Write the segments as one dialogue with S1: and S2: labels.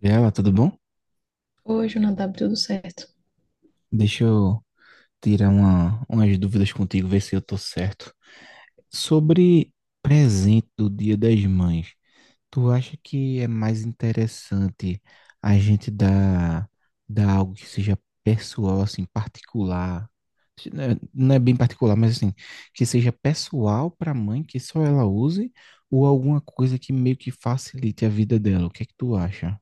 S1: Gabriela, tudo bom?
S2: Oi, Jonadab, tudo certo?
S1: Deixa eu tirar umas dúvidas contigo, ver se eu tô certo. Sobre presente do Dia das Mães, tu acha que é mais interessante a gente dar algo que seja pessoal, assim, particular? Não é bem particular, mas assim, que seja pessoal para a mãe, que só ela use, ou alguma coisa que meio que facilite a vida dela? O que é que tu acha?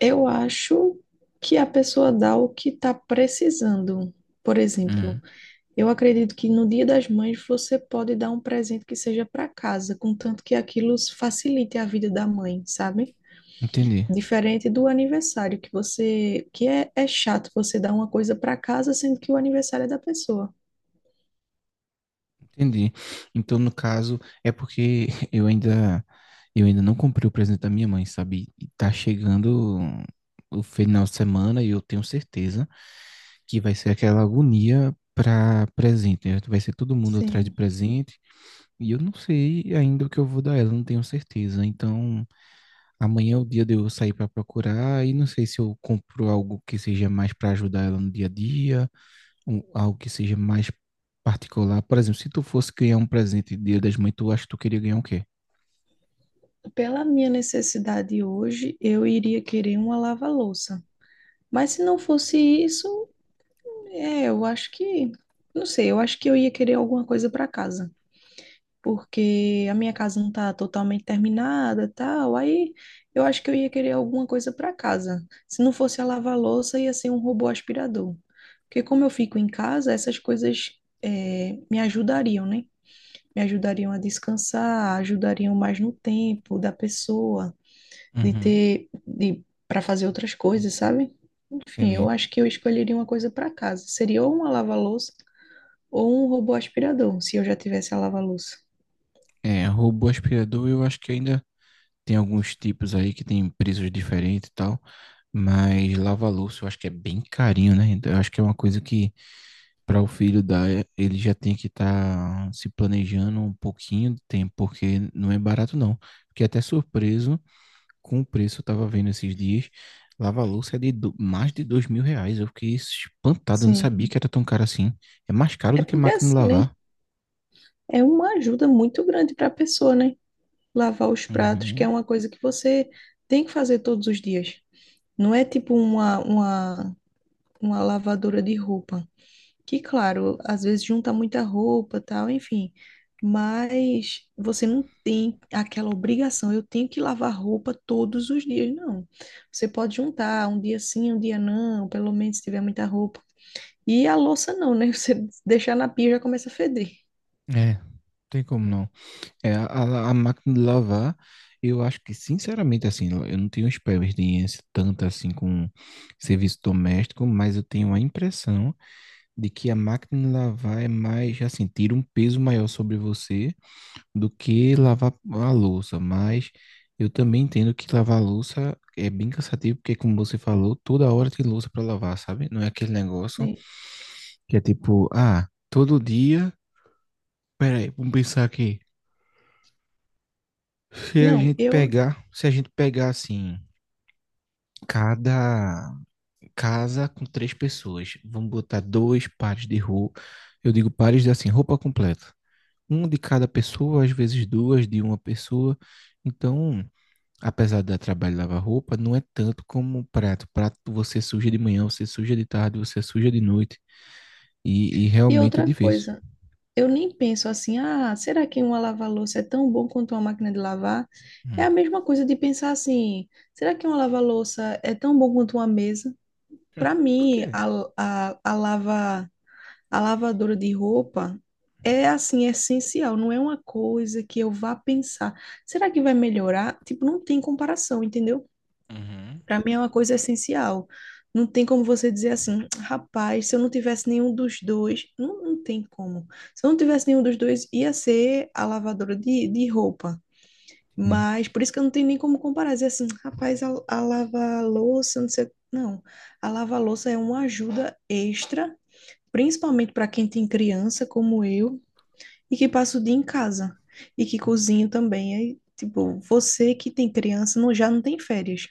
S2: Eu acho que a pessoa dá o que está precisando. Por exemplo,
S1: Hum,
S2: eu acredito que no Dia das Mães você pode dar um presente que seja para casa, contanto que aquilo facilite a vida da mãe, sabe?
S1: Entendi.
S2: Diferente do aniversário, que é chato você dar uma coisa para casa, sendo que o aniversário é da pessoa.
S1: Entendi. Então, no caso, é porque eu ainda não comprei o presente da minha mãe, sabe? E tá chegando o final de semana e eu tenho certeza que vai ser aquela agonia para presente, né? Vai ser todo mundo atrás de
S2: Sim.
S1: presente e eu não sei ainda o que eu vou dar ela, não tenho certeza. Então, amanhã é o dia de eu sair para procurar e não sei se eu compro algo que seja mais para ajudar ela no dia a dia, algo que seja mais particular. Por exemplo, se tu fosse ganhar um presente de Dia das Mães, tu acha que tu queria ganhar o quê?
S2: Pela minha necessidade hoje, eu iria querer uma lava-louça. Mas se não fosse isso, eu acho que, não sei, eu acho que eu ia querer alguma coisa para casa. Porque a minha casa não tá totalmente terminada, tal. Aí eu acho que eu ia querer alguma coisa para casa. Se não fosse a lava-louça, ia ser um robô aspirador. Porque como eu fico em casa, essas coisas me ajudariam, né? Me ajudariam a descansar, ajudariam mais no tempo da pessoa,
S1: Uhum.
S2: para fazer outras coisas, sabe? Enfim, eu
S1: Entendi.
S2: acho que eu escolheria uma coisa para casa. Seria ou uma lava-louça ou um robô aspirador, se eu já tivesse a lava-louça.
S1: É, robô aspirador, eu acho que ainda tem alguns tipos aí que tem preços diferentes e tal, mas lava-louça eu acho que é bem carinho, né? Então, eu acho que é uma coisa que para o filho dar, ele já tem que estar se planejando um pouquinho de tempo, porque não é barato não. Fiquei até surpreso com o preço, eu tava vendo esses dias, lava-louça é mais de R$ 2.000. Eu fiquei espantado, eu não sabia
S2: Sim.
S1: que era tão caro assim. É mais caro
S2: É
S1: do que
S2: porque
S1: máquina de
S2: assim, né?
S1: lavar.
S2: É uma ajuda muito grande para a pessoa, né? Lavar os pratos, que é
S1: Uhum.
S2: uma coisa que você tem que fazer todos os dias. Não é tipo uma lavadora de roupa, que, claro, às vezes junta muita roupa, tal, enfim. Mas você não tem aquela obrigação, eu tenho que lavar roupa todos os dias, não. Você pode juntar um dia sim, um dia não, pelo menos se tiver muita roupa. E a louça não, né? Você deixar na pia já começa a feder.
S1: É, não tem como não. É, a máquina de lavar, eu acho que, sinceramente, assim, eu não tenho experiência tanta assim com serviço doméstico, mas eu tenho a impressão de que a máquina de lavar é mais, assim, tira um peso maior sobre você do que lavar a louça, mas eu também entendo que lavar a louça é bem cansativo, porque como você falou, toda hora tem louça para lavar, sabe? Não é aquele negócio
S2: Sim.
S1: que é tipo, ah, todo dia, peraí, vamos pensar aqui. Se a
S2: Não,
S1: gente
S2: eu.
S1: pegar, se a gente pegar assim, cada casa com três pessoas, vamos botar dois pares de roupa, eu digo pares de assim, roupa completa. Um de cada pessoa, às vezes duas de uma pessoa. Então, apesar de dar trabalho de lavar roupa, não é tanto como o prato. O prato você suja de manhã, você suja de tarde, você suja de noite. E
S2: E
S1: realmente é
S2: outra
S1: difícil.
S2: coisa, eu nem penso assim, ah, será que uma lava-louça é tão bom quanto uma máquina de lavar? É
S1: Hum.
S2: a mesma coisa de pensar assim, será que uma lava-louça é tão bom quanto uma mesa? Para
S1: Por
S2: mim,
S1: quê?
S2: a, a lava, a lavadora de roupa é assim, essencial, não é uma coisa que eu vá pensar, será que vai melhorar? Tipo, não tem comparação, entendeu?
S1: Uhum.
S2: Para mim é uma coisa essencial. Não tem como você dizer assim, rapaz, se eu não tivesse nenhum dos dois, não, não tem como. Se eu não tivesse nenhum dos dois, ia ser a lavadora de roupa.
S1: Entendi.
S2: Mas por isso que eu não tenho nem como comparar, dizer assim, rapaz, a lava-louça, não sei. Não, a lava-louça é uma ajuda extra, principalmente para quem tem criança como eu e que passa o dia em casa e que cozinha também. Aí, tipo, você que tem criança não, já não tem férias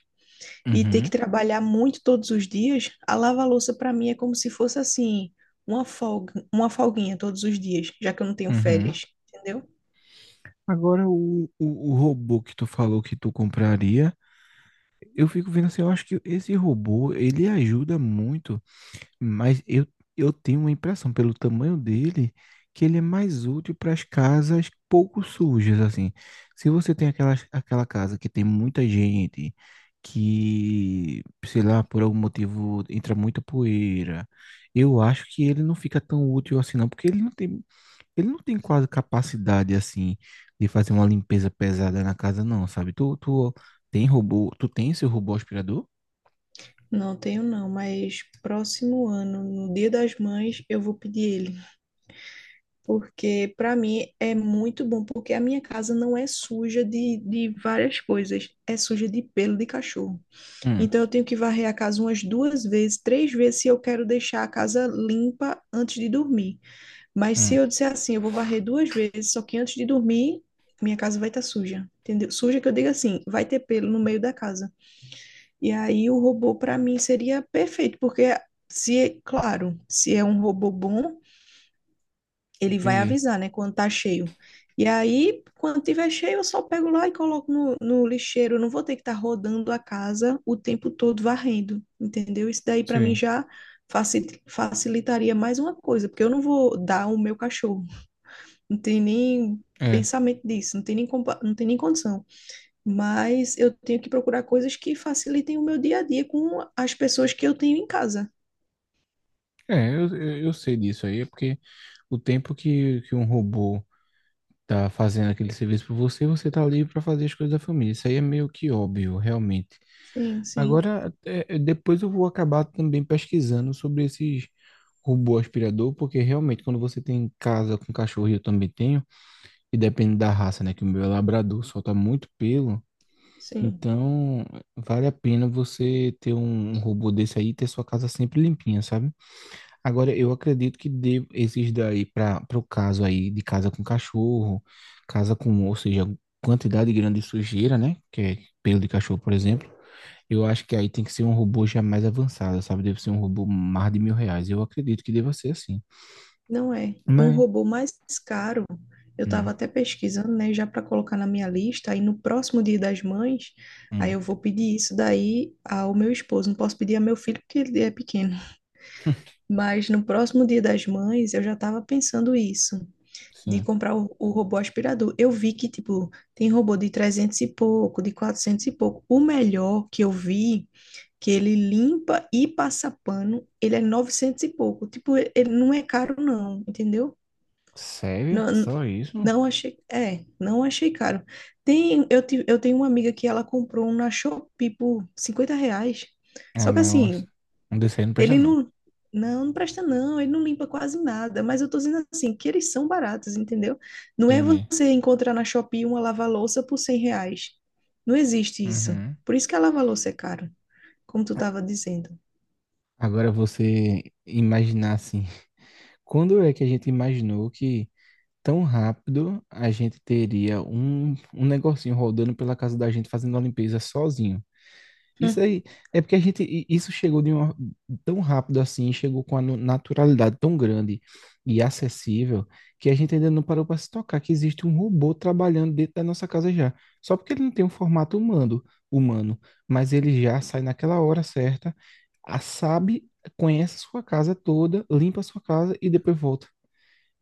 S2: e ter que
S1: Uhum.
S2: trabalhar muito todos os dias, a lava-louça para mim é como se fosse assim, uma folga, uma folguinha todos os dias, já que eu não tenho
S1: Uhum.
S2: férias, entendeu?
S1: Agora, o robô que tu falou que tu compraria, eu fico vendo assim, eu acho que esse robô, ele ajuda muito. Mas eu tenho uma impressão, pelo tamanho dele, que ele é mais útil para as casas pouco sujas, assim. Se você tem aquela casa que tem muita gente, que, sei lá, por algum motivo entra muita poeira, eu acho que ele não fica tão útil assim, não, porque ele não tem, quase capacidade, assim, de fazer uma limpeza pesada na casa, não, sabe? Tu tem robô, tu tem seu robô aspirador?
S2: Não tenho não, mas próximo ano, no Dia das Mães, eu vou pedir ele, porque para mim é muito bom, porque a minha casa não é suja de várias coisas, é suja de pelo de cachorro.
S1: Hum,
S2: Então eu tenho que varrer a casa umas duas vezes, três vezes se eu quero deixar a casa limpa antes de dormir. Mas se
S1: hum,
S2: eu disser assim, eu vou varrer duas vezes, só que antes de dormir, minha casa vai estar suja, entendeu? Suja que eu digo assim, vai ter pelo no meio da casa. E aí o robô para mim seria perfeito, porque se, é- claro, se é um robô bom, ele vai
S1: entendi.
S2: avisar, né, quando tá cheio. E aí, quando tiver cheio, eu só pego lá e coloco no lixeiro. Eu não vou ter que estar rodando a casa o tempo todo varrendo, entendeu? Isso daí para mim
S1: Sim,
S2: já facilitaria mais uma coisa, porque eu não vou dar o meu cachorro. Não tem nem
S1: é.
S2: pensamento disso, não tem nem, não tem nem condição. Mas eu tenho que procurar coisas que facilitem o meu dia a dia com as pessoas que eu tenho em casa.
S1: É, eu sei disso aí, é porque o tempo que um robô tá fazendo aquele serviço por você, você tá livre para fazer as coisas da família. Isso aí é meio que óbvio, realmente.
S2: Sim, sim,
S1: Agora, depois eu vou acabar também pesquisando sobre esses robô aspirador, porque realmente quando você tem em casa com cachorro, e eu também tenho, e depende da raça, né, que o meu é labrador, solta muito pelo,
S2: sim.
S1: então vale a pena você ter um robô desse aí e ter sua casa sempre limpinha, sabe? Agora, eu acredito esses daí, para o caso aí de casa com cachorro, casa com, ou seja, quantidade grande de sujeira, né? Que é pelo de cachorro, por exemplo. Eu acho que aí tem que ser um robô já mais avançado, sabe? Deve ser um robô mais de R$ 1.000. Eu acredito que deva ser assim.
S2: Não é. Um
S1: Mas.
S2: robô mais caro, eu
S1: Hum,
S2: estava até pesquisando, né, já para colocar na minha lista, aí no próximo Dia das Mães, aí
S1: hum,
S2: eu vou pedir isso daí ao meu esposo. Não posso pedir ao meu filho porque ele é pequeno. Mas no próximo Dia das Mães, eu já estava pensando isso. De
S1: sim.
S2: comprar o robô aspirador. Eu vi que, tipo, tem robô de 300 e pouco, de 400 e pouco. O melhor que eu vi, que ele limpa e passa pano, ele é 900 e pouco. Tipo, ele não é caro, não, entendeu?
S1: Sério?
S2: Não,
S1: Só isso?
S2: não achei, é, não achei caro. Tem, eu tenho uma amiga que ela comprou um na Shopee por R$ 50.
S1: Ah,
S2: Só que
S1: mas
S2: assim,
S1: um desse aí não presta,
S2: ele
S1: não.
S2: não presta não, ele não limpa quase nada, mas eu tô dizendo assim, que eles são baratos, entendeu? Não é
S1: Entendi.
S2: você encontrar na Shopee uma lava-louça por R$ 100. Não existe isso.
S1: Uhum.
S2: Por isso que a lava-louça é caro, como tu tava dizendo.
S1: Agora você imaginar assim. Quando é que a gente imaginou que tão rápido a gente teria um negocinho rodando pela casa da gente fazendo a limpeza sozinho. Isso
S2: Hum,
S1: aí é porque isso chegou de uma, tão rápido assim, chegou com a naturalidade tão grande e acessível que a gente ainda não parou para se tocar que existe um robô trabalhando dentro da nossa casa já. Só porque ele não tem um formato humano, mas ele já sai naquela hora certa, sabe, conhece a sua casa toda, limpa a sua casa e depois volta.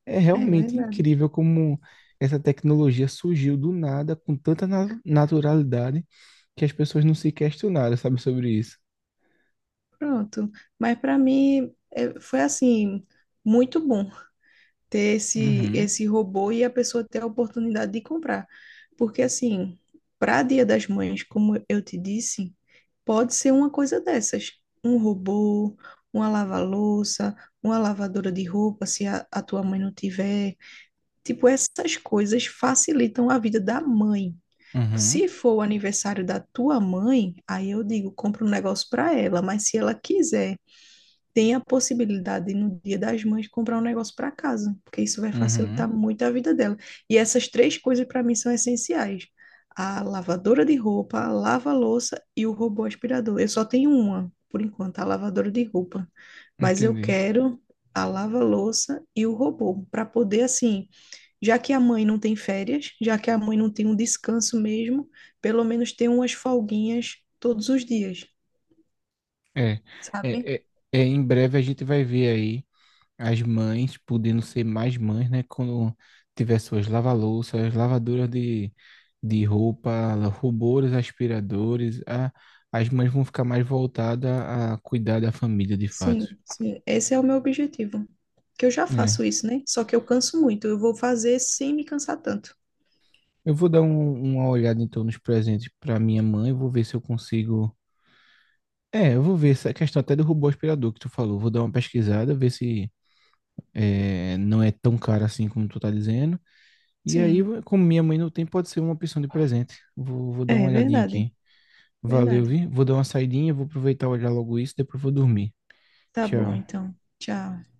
S1: É
S2: É
S1: realmente
S2: verdade.
S1: incrível como essa tecnologia surgiu do nada, com tanta naturalidade, que as pessoas não se questionaram, sabe, sobre isso.
S2: Pronto. Mas para mim é, foi assim, muito bom ter
S1: Uhum,
S2: esse robô e a pessoa ter a oportunidade de comprar. Porque, assim, para Dia das Mães, como eu te disse, pode ser uma coisa dessas. Um robô, uma lava-louça, uma lavadora de roupa, se a tua mãe não tiver. Tipo, essas coisas facilitam a vida da mãe.
S1: uhum,
S2: Se for o aniversário da tua mãe, aí eu digo, compra um negócio para ela, mas se ela quiser tem a possibilidade de, no Dia das Mães, comprar um negócio para casa, porque isso vai
S1: uhum,
S2: facilitar muito a vida dela. E essas três coisas, para mim, são essenciais: a lavadora de roupa, a lava-louça e o robô aspirador. Eu só tenho uma, por enquanto, a lavadora de roupa. Mas eu
S1: entendi.
S2: quero a lava-louça e o robô, para poder, assim, já que a mãe não tem férias, já que a mãe não tem um descanso mesmo, pelo menos ter umas folguinhas todos os dias,
S1: É,
S2: sabe?
S1: é, é, é, em breve a gente vai ver aí as mães podendo ser mais mães, né? Quando tiver suas lava-louças, lavadoras de roupa, robôs, aspiradores, as mães vão ficar mais voltadas a cuidar da família, de fato.
S2: Sim, sim. Esse é o meu objetivo. Que eu já faço
S1: É.
S2: isso, né? Só que eu canso muito. Eu vou fazer sem me cansar tanto.
S1: Eu vou dar uma olhada então nos presentes para minha mãe, vou ver se eu consigo. É, eu vou ver essa questão até do robô aspirador que tu falou. Vou dar uma pesquisada, ver se não é tão caro assim como tu tá dizendo. E aí,
S2: Sim.
S1: como minha mãe não tem, pode ser uma opção de presente. Vou dar uma
S2: É
S1: olhadinha
S2: verdade.
S1: aqui. Valeu,
S2: Verdade.
S1: vi? Vou dar uma saidinha, vou aproveitar e olhar logo isso, depois vou dormir.
S2: Tá bom,
S1: Tchau.
S2: então. Tchau.